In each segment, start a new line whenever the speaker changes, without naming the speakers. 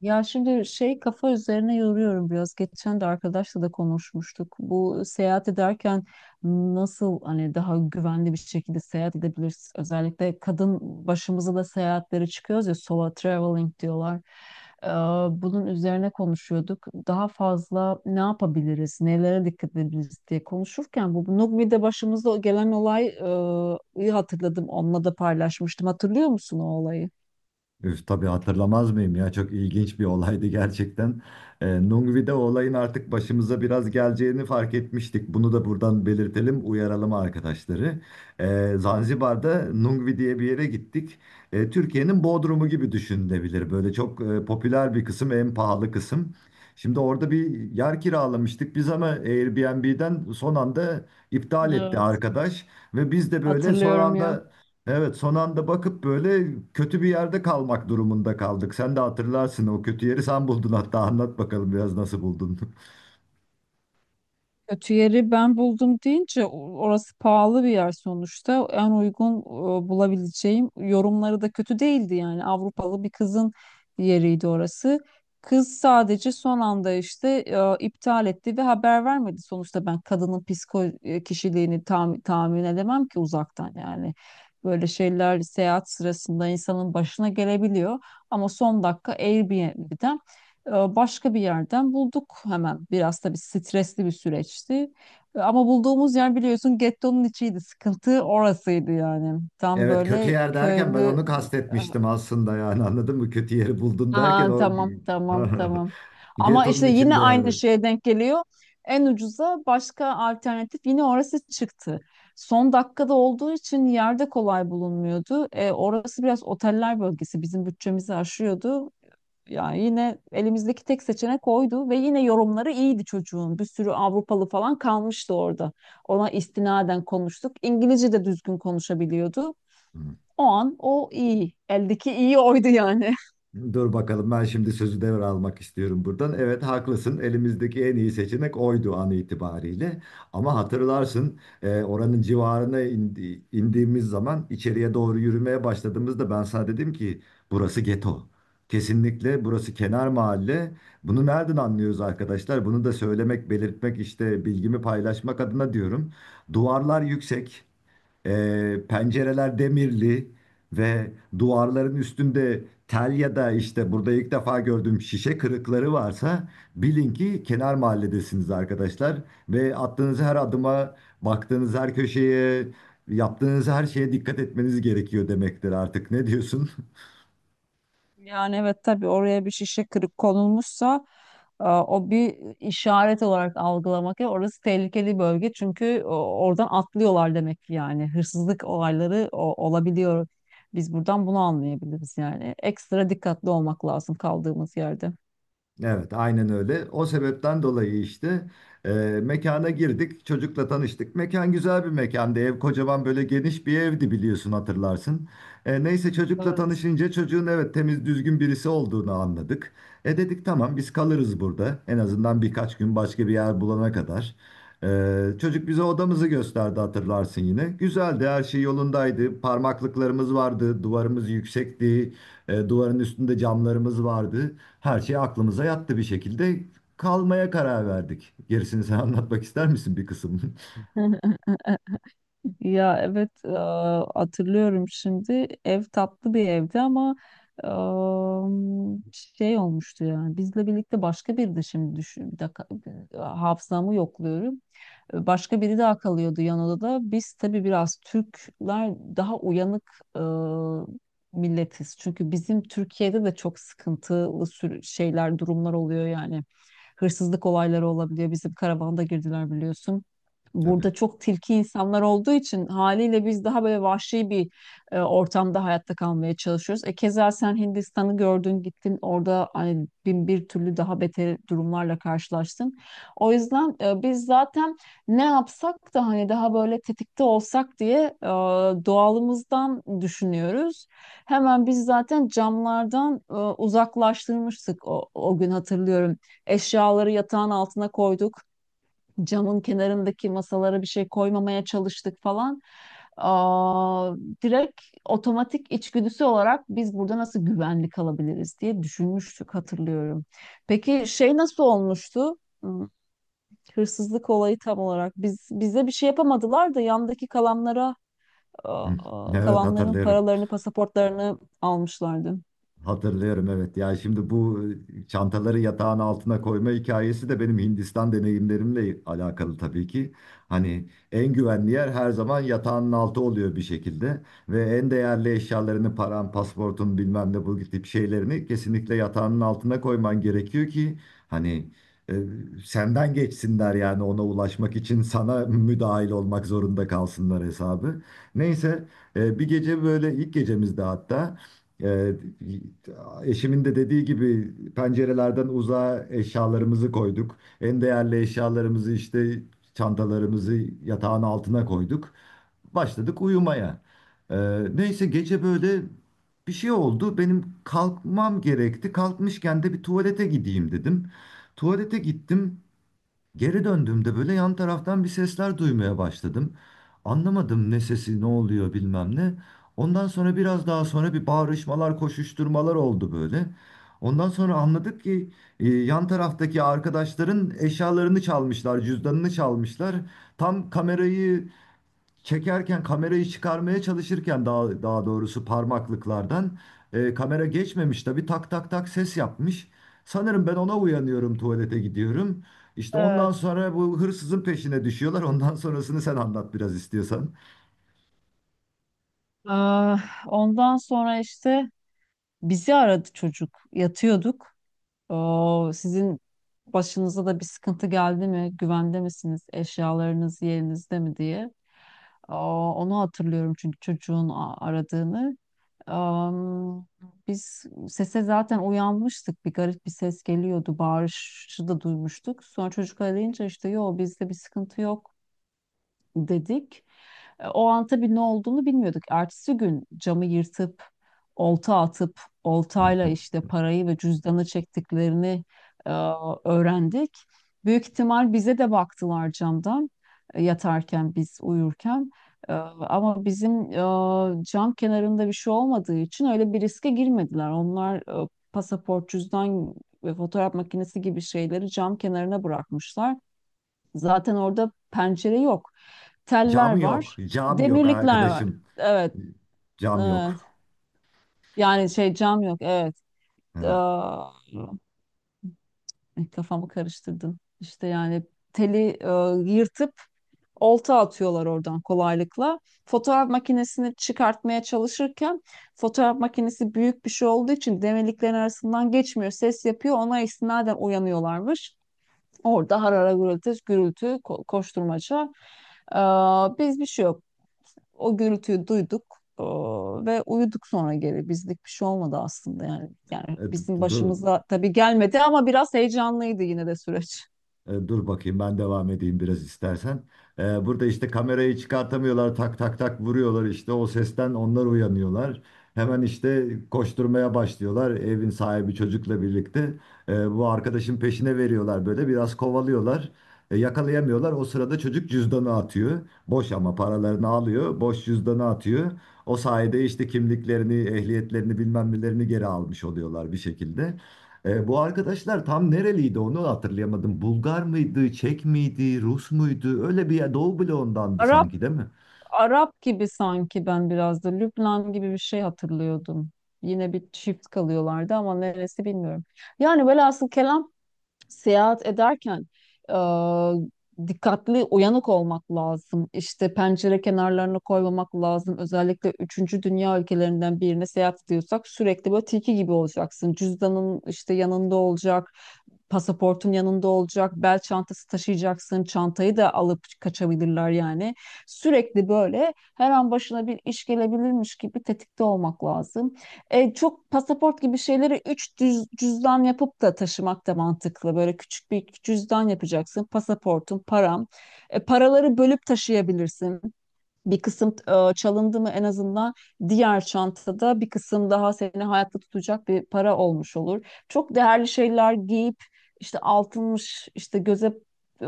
Ya şimdi şey kafa üzerine yoruyorum biraz. Geçen de arkadaşla da konuşmuştuk. Bu seyahat ederken nasıl hani daha güvenli bir şekilde seyahat edebiliriz? Özellikle kadın başımıza da seyahatlere çıkıyoruz ya solo traveling diyorlar. Ee, bunun üzerine konuşuyorduk. Daha fazla ne yapabiliriz, nelere dikkat edebiliriz diye konuşurken bu Nugmi'de başımıza gelen olay iyi hatırladım. Onunla da paylaşmıştım. Hatırlıyor musun o olayı?
Üf, tabii hatırlamaz mıyım ya, çok ilginç bir olaydı gerçekten. Nungvi'de o olayın artık başımıza biraz geleceğini fark etmiştik. Bunu da buradan belirtelim, uyaralım arkadaşları. Zanzibar'da Nungvi diye bir yere gittik. Türkiye'nin Bodrum'u gibi düşünülebilir. Böyle çok popüler bir kısım, en pahalı kısım. Şimdi orada bir yer kiralamıştık biz, ama Airbnb'den son anda iptal etti
Evet,
arkadaş. Ve biz de böyle son
hatırlıyorum ya.
anda evet, son anda bakıp böyle kötü bir yerde kalmak durumunda kaldık. Sen de hatırlarsın o kötü yeri, sen buldun hatta, anlat bakalım biraz nasıl buldun.
Kötü yeri ben buldum deyince orası pahalı bir yer sonuçta. En uygun bulabileceğim yorumları da kötü değildi yani Avrupalı bir kızın yeriydi orası. Kız sadece son anda işte iptal etti ve haber vermedi. Sonuçta ben kadının psiko kişiliğini tam, tahmin edemem ki uzaktan yani. Böyle şeyler seyahat sırasında insanın başına gelebiliyor. Ama son dakika Airbnb'den başka bir yerden bulduk hemen. Biraz tabii stresli bir süreçti. Ama bulduğumuz yer biliyorsun gettonun içiydi. Sıkıntı orasıydı yani. Tam
Evet, kötü
böyle
yer derken ben
köylü...
onu kastetmiştim aslında, yani anladın mı? Kötü yeri buldun derken
Aa,
o
tamam tamam tamam. Ama
getonun
işte yine
içinde
aynı
yani.
şeye denk geliyor. En ucuza başka alternatif yine orası çıktı. Son dakikada olduğu için yerde kolay bulunmuyordu. Orası biraz oteller bölgesi bizim bütçemizi aşıyordu. Yani yine elimizdeki tek seçenek oydu ve yine yorumları iyiydi çocuğun. Bir sürü Avrupalı falan kalmıştı orada. Ona istinaden konuştuk. İngilizce de düzgün konuşabiliyordu. O an o iyi. Eldeki iyi oydu yani.
Dur bakalım, ben şimdi sözü devralmak istiyorum buradan. Evet haklısın, elimizdeki en iyi seçenek oydu an itibariyle. Ama hatırlarsın oranın civarına indiğimiz zaman içeriye doğru yürümeye başladığımızda ben sana dedim ki burası geto. Kesinlikle burası kenar mahalle. Bunu nereden anlıyoruz arkadaşlar? Bunu da söylemek, belirtmek, işte bilgimi paylaşmak adına diyorum. Duvarlar yüksek. Pencereler demirli ve duvarların üstünde tel ya da işte burada ilk defa gördüğüm şişe kırıkları varsa, bilin ki kenar mahalledesiniz arkadaşlar. Ve attığınız her adıma, baktığınız her köşeye, yaptığınız her şeye dikkat etmeniz gerekiyor demektir artık. Ne diyorsun?
Yani evet tabii oraya bir şişe kırık konulmuşsa o bir işaret olarak algılamak. Ya orası tehlikeli bölge çünkü oradan atlıyorlar demek ki yani. Hırsızlık olayları olabiliyor. Biz buradan bunu anlayabiliriz yani. Ekstra dikkatli olmak lazım kaldığımız yerde.
Evet, aynen öyle. O sebepten dolayı işte e, mekana girdik, çocukla tanıştık. Mekan güzel bir mekandı. Ev kocaman, böyle geniş bir evdi, biliyorsun hatırlarsın. Neyse, çocukla
Evet.
tanışınca çocuğun evet, temiz düzgün birisi olduğunu anladık. E dedik, tamam biz kalırız burada. En azından birkaç gün, başka bir yer bulana kadar. Çocuk bize odamızı gösterdi, hatırlarsın yine. Güzeldi, her şey yolundaydı. Parmaklıklarımız vardı, duvarımız yüksekti, duvarın üstünde camlarımız vardı. Her şey aklımıza yattı bir şekilde, kalmaya karar verdik. Gerisini sen anlatmak ister misin bir kısım?
Ya evet hatırlıyorum şimdi ev tatlı bir evdi ama e, şey olmuştu yani bizle birlikte başka birdi şimdi düşün bir dakika hafızamı yokluyorum. Başka biri daha kalıyordu yan odada. Biz tabii biraz Türkler daha uyanık e, milletiz. Çünkü bizim Türkiye'de de çok sıkıntılı şeyler, durumlar oluyor yani. Hırsızlık olayları olabiliyor. Bizim karavanda girdiler biliyorsun.
Tabii.
Burada çok tilki insanlar olduğu için haliyle biz daha böyle vahşi bir ortamda hayatta kalmaya çalışıyoruz. Keza sen Hindistan'ı gördün, gittin orada hani bin bir türlü daha beter durumlarla karşılaştın. O yüzden biz zaten ne yapsak da hani daha böyle tetikte olsak diye doğalımızdan düşünüyoruz. Hemen biz zaten camlardan uzaklaştırmıştık o gün hatırlıyorum. Eşyaları yatağın altına koyduk. Camın kenarındaki masalara bir şey koymamaya çalıştık falan. Aa, direkt otomatik içgüdüsü olarak biz burada nasıl güvenli kalabiliriz diye düşünmüştük hatırlıyorum. Peki şey nasıl olmuştu? Hırsızlık olayı tam olarak. Biz bize bir şey yapamadılar da yandaki kalanlara
Hı. Evet,
kalanların
hatırlıyorum.
paralarını, pasaportlarını almışlardı.
Hatırlıyorum, evet. Ya şimdi bu çantaları yatağın altına koyma hikayesi de benim Hindistan deneyimlerimle alakalı tabii ki. Hani en güvenli yer her zaman yatağın altı oluyor bir şekilde ve en değerli eşyalarını, paran, pasportun, bilmem ne, bu tip şeylerini kesinlikle yatağının altına koyman gerekiyor ki hani, e, senden geçsinler yani, ona ulaşmak için sana müdahil olmak zorunda kalsınlar hesabı. Neyse, bir gece böyle, ilk gecemizde hatta, ee, eşimin de dediği gibi pencerelerden uzağa eşyalarımızı koyduk. En değerli eşyalarımızı, işte çantalarımızı, yatağın altına koyduk. Başladık uyumaya. Neyse, gece böyle bir şey oldu. Benim kalkmam gerekti. Kalkmışken de bir tuvalete gideyim dedim. Tuvalete gittim. Geri döndüğümde böyle yan taraftan bir sesler duymaya başladım. Anlamadım, ne sesi, ne oluyor, bilmem ne. Ondan sonra, biraz daha sonra, bir bağırışmalar, koşuşturmalar oldu böyle. Ondan sonra anladık ki yan taraftaki arkadaşların eşyalarını çalmışlar, cüzdanını çalmışlar. Tam kamerayı çekerken, kamerayı çıkarmaya çalışırken, daha doğrusu parmaklıklardan kamera geçmemiş tabii, tak tak tak ses yapmış. Sanırım ben ona uyanıyorum, tuvalete gidiyorum. İşte ondan
Evet.
sonra bu hırsızın peşine düşüyorlar. Ondan sonrasını sen anlat biraz, istiyorsan.
Aa, ondan sonra işte bizi aradı çocuk. Yatıyorduk. Oo, sizin başınıza da bir sıkıntı geldi mi? Güvende misiniz? Eşyalarınız yerinizde mi diye. Aa, onu hatırlıyorum çünkü çocuğun aradığını. Am, biz sese zaten uyanmıştık. Bir garip bir ses geliyordu. Bağırışı da duymuştuk. Sonra çocuk arayınca işte yo bizde bir sıkıntı yok dedik. O an tabii ne olduğunu bilmiyorduk. Ertesi gün camı yırtıp, olta atıp, oltayla işte parayı ve cüzdanı çektiklerini e, öğrendik. Büyük ihtimal bize de baktılar camdan yatarken biz uyurken. Ama bizim cam kenarında bir şey olmadığı için öyle bir riske girmediler. Onlar pasaport, cüzdan ve fotoğraf makinesi gibi şeyleri cam kenarına bırakmışlar. Zaten orada pencere yok. Teller
Cam yok,
var.
cam yok
Demirlikler var.
arkadaşım.
Evet.
Cam
Evet.
yok.
Yani şey cam yok. Evet.
Ha.
Aa, kafamı karıştırdın. İşte yani teli yırtıp olta atıyorlar oradan kolaylıkla. Fotoğraf makinesini çıkartmaya çalışırken fotoğraf makinesi büyük bir şey olduğu için demirliklerin arasından geçmiyor. Ses yapıyor. Ona istinaden uyanıyorlarmış. Orada harara gürültü, gürültü, koşturmaca. Aa, biz bir şey yok. O gürültüyü duyduk ve uyuduk sonra geri. Bizlik bir şey olmadı aslında yani. Yani
E, d-
bizim
d- d-
başımıza tabii gelmedi ama biraz heyecanlıydı yine de süreç.
Dur bakayım, ben devam edeyim biraz, istersen. Burada işte kamerayı çıkartamıyorlar, tak tak tak vuruyorlar, işte o sesten onlar uyanıyorlar. Hemen işte koşturmaya başlıyorlar, evin sahibi çocukla birlikte. Bu arkadaşın peşine veriyorlar, böyle biraz kovalıyorlar. Yakalayamıyorlar, o sırada çocuk cüzdanı atıyor. Boş, ama paralarını alıyor, boş cüzdanı atıyor. O sayede işte kimliklerini, ehliyetlerini, bilmem nelerini geri almış oluyorlar bir şekilde. Bu arkadaşlar tam nereliydi onu hatırlayamadım. Bulgar mıydı, Çek miydi, Rus muydu? Öyle bir yer, Doğu bloğundandı
Arap
sanki, değil mi?
Arap gibi sanki ben biraz da Lübnan gibi bir şey hatırlıyordum. Yine bir çift kalıyorlardı ama neresi bilmiyorum. Yani velhasıl kelam seyahat ederken e, dikkatli, uyanık olmak lazım. İşte pencere kenarlarına koymamak lazım. Özellikle üçüncü dünya ülkelerinden birine seyahat ediyorsak sürekli böyle tilki gibi olacaksın. Cüzdanın işte yanında olacak. Pasaportun yanında olacak, bel çantası taşıyacaksın, çantayı da alıp kaçabilirler yani. Sürekli böyle her an başına bir iş gelebilirmiş gibi tetikte olmak lazım. Çok pasaport gibi şeyleri 3 cüzdan yapıp da taşımak da mantıklı. Böyle küçük bir cüzdan yapacaksın. Pasaportun, param. Paraları bölüp taşıyabilirsin bir kısım çalındı mı en azından diğer çantada bir kısım daha seni hayatta tutacak bir para olmuş olur. Çok değerli şeyler giyip işte altınmış işte göze e,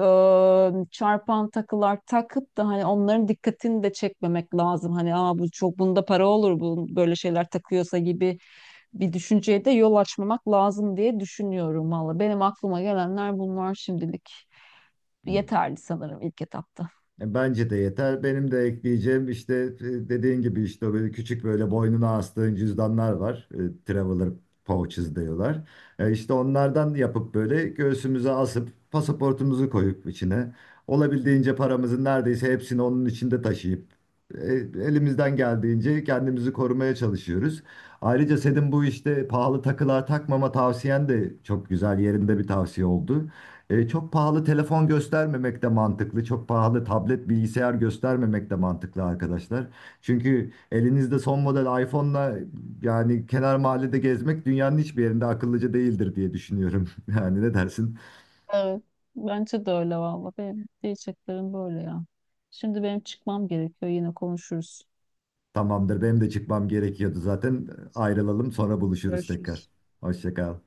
çarpan takılar takıp da hani onların dikkatini de çekmemek lazım. Hani bu çok bunda para olur bu böyle şeyler takıyorsa gibi bir düşünceye de yol açmamak lazım diye düşünüyorum valla. Benim aklıma gelenler bunlar şimdilik
Hmm.
yeterli sanırım ilk etapta.
Bence de yeter. Benim de ekleyeceğim işte, dediğin gibi, işte böyle küçük, böyle boynuna astığın cüzdanlar var. Traveler pouches diyorlar. İşte onlardan yapıp, böyle göğsümüze asıp, pasaportumuzu koyup içine, olabildiğince paramızın neredeyse hepsini onun içinde taşıyıp e, elimizden geldiğince kendimizi korumaya çalışıyoruz. Ayrıca senin bu işte pahalı takılar takmama tavsiyen de çok güzel, yerinde bir tavsiye oldu. Çok pahalı telefon göstermemek de mantıklı. Çok pahalı tablet, bilgisayar göstermemek de mantıklı arkadaşlar. Çünkü elinizde son model iPhone'la yani kenar mahallede gezmek dünyanın hiçbir yerinde akıllıca değildir diye düşünüyorum. Yani ne dersin?
Evet. Bence de öyle valla. Benim diyeceklerim böyle ya. Şimdi benim çıkmam gerekiyor. Yine konuşuruz.
Tamamdır, benim de çıkmam gerekiyordu zaten. Ayrılalım, sonra buluşuruz
Görüşürüz.
tekrar. Hoşça kal.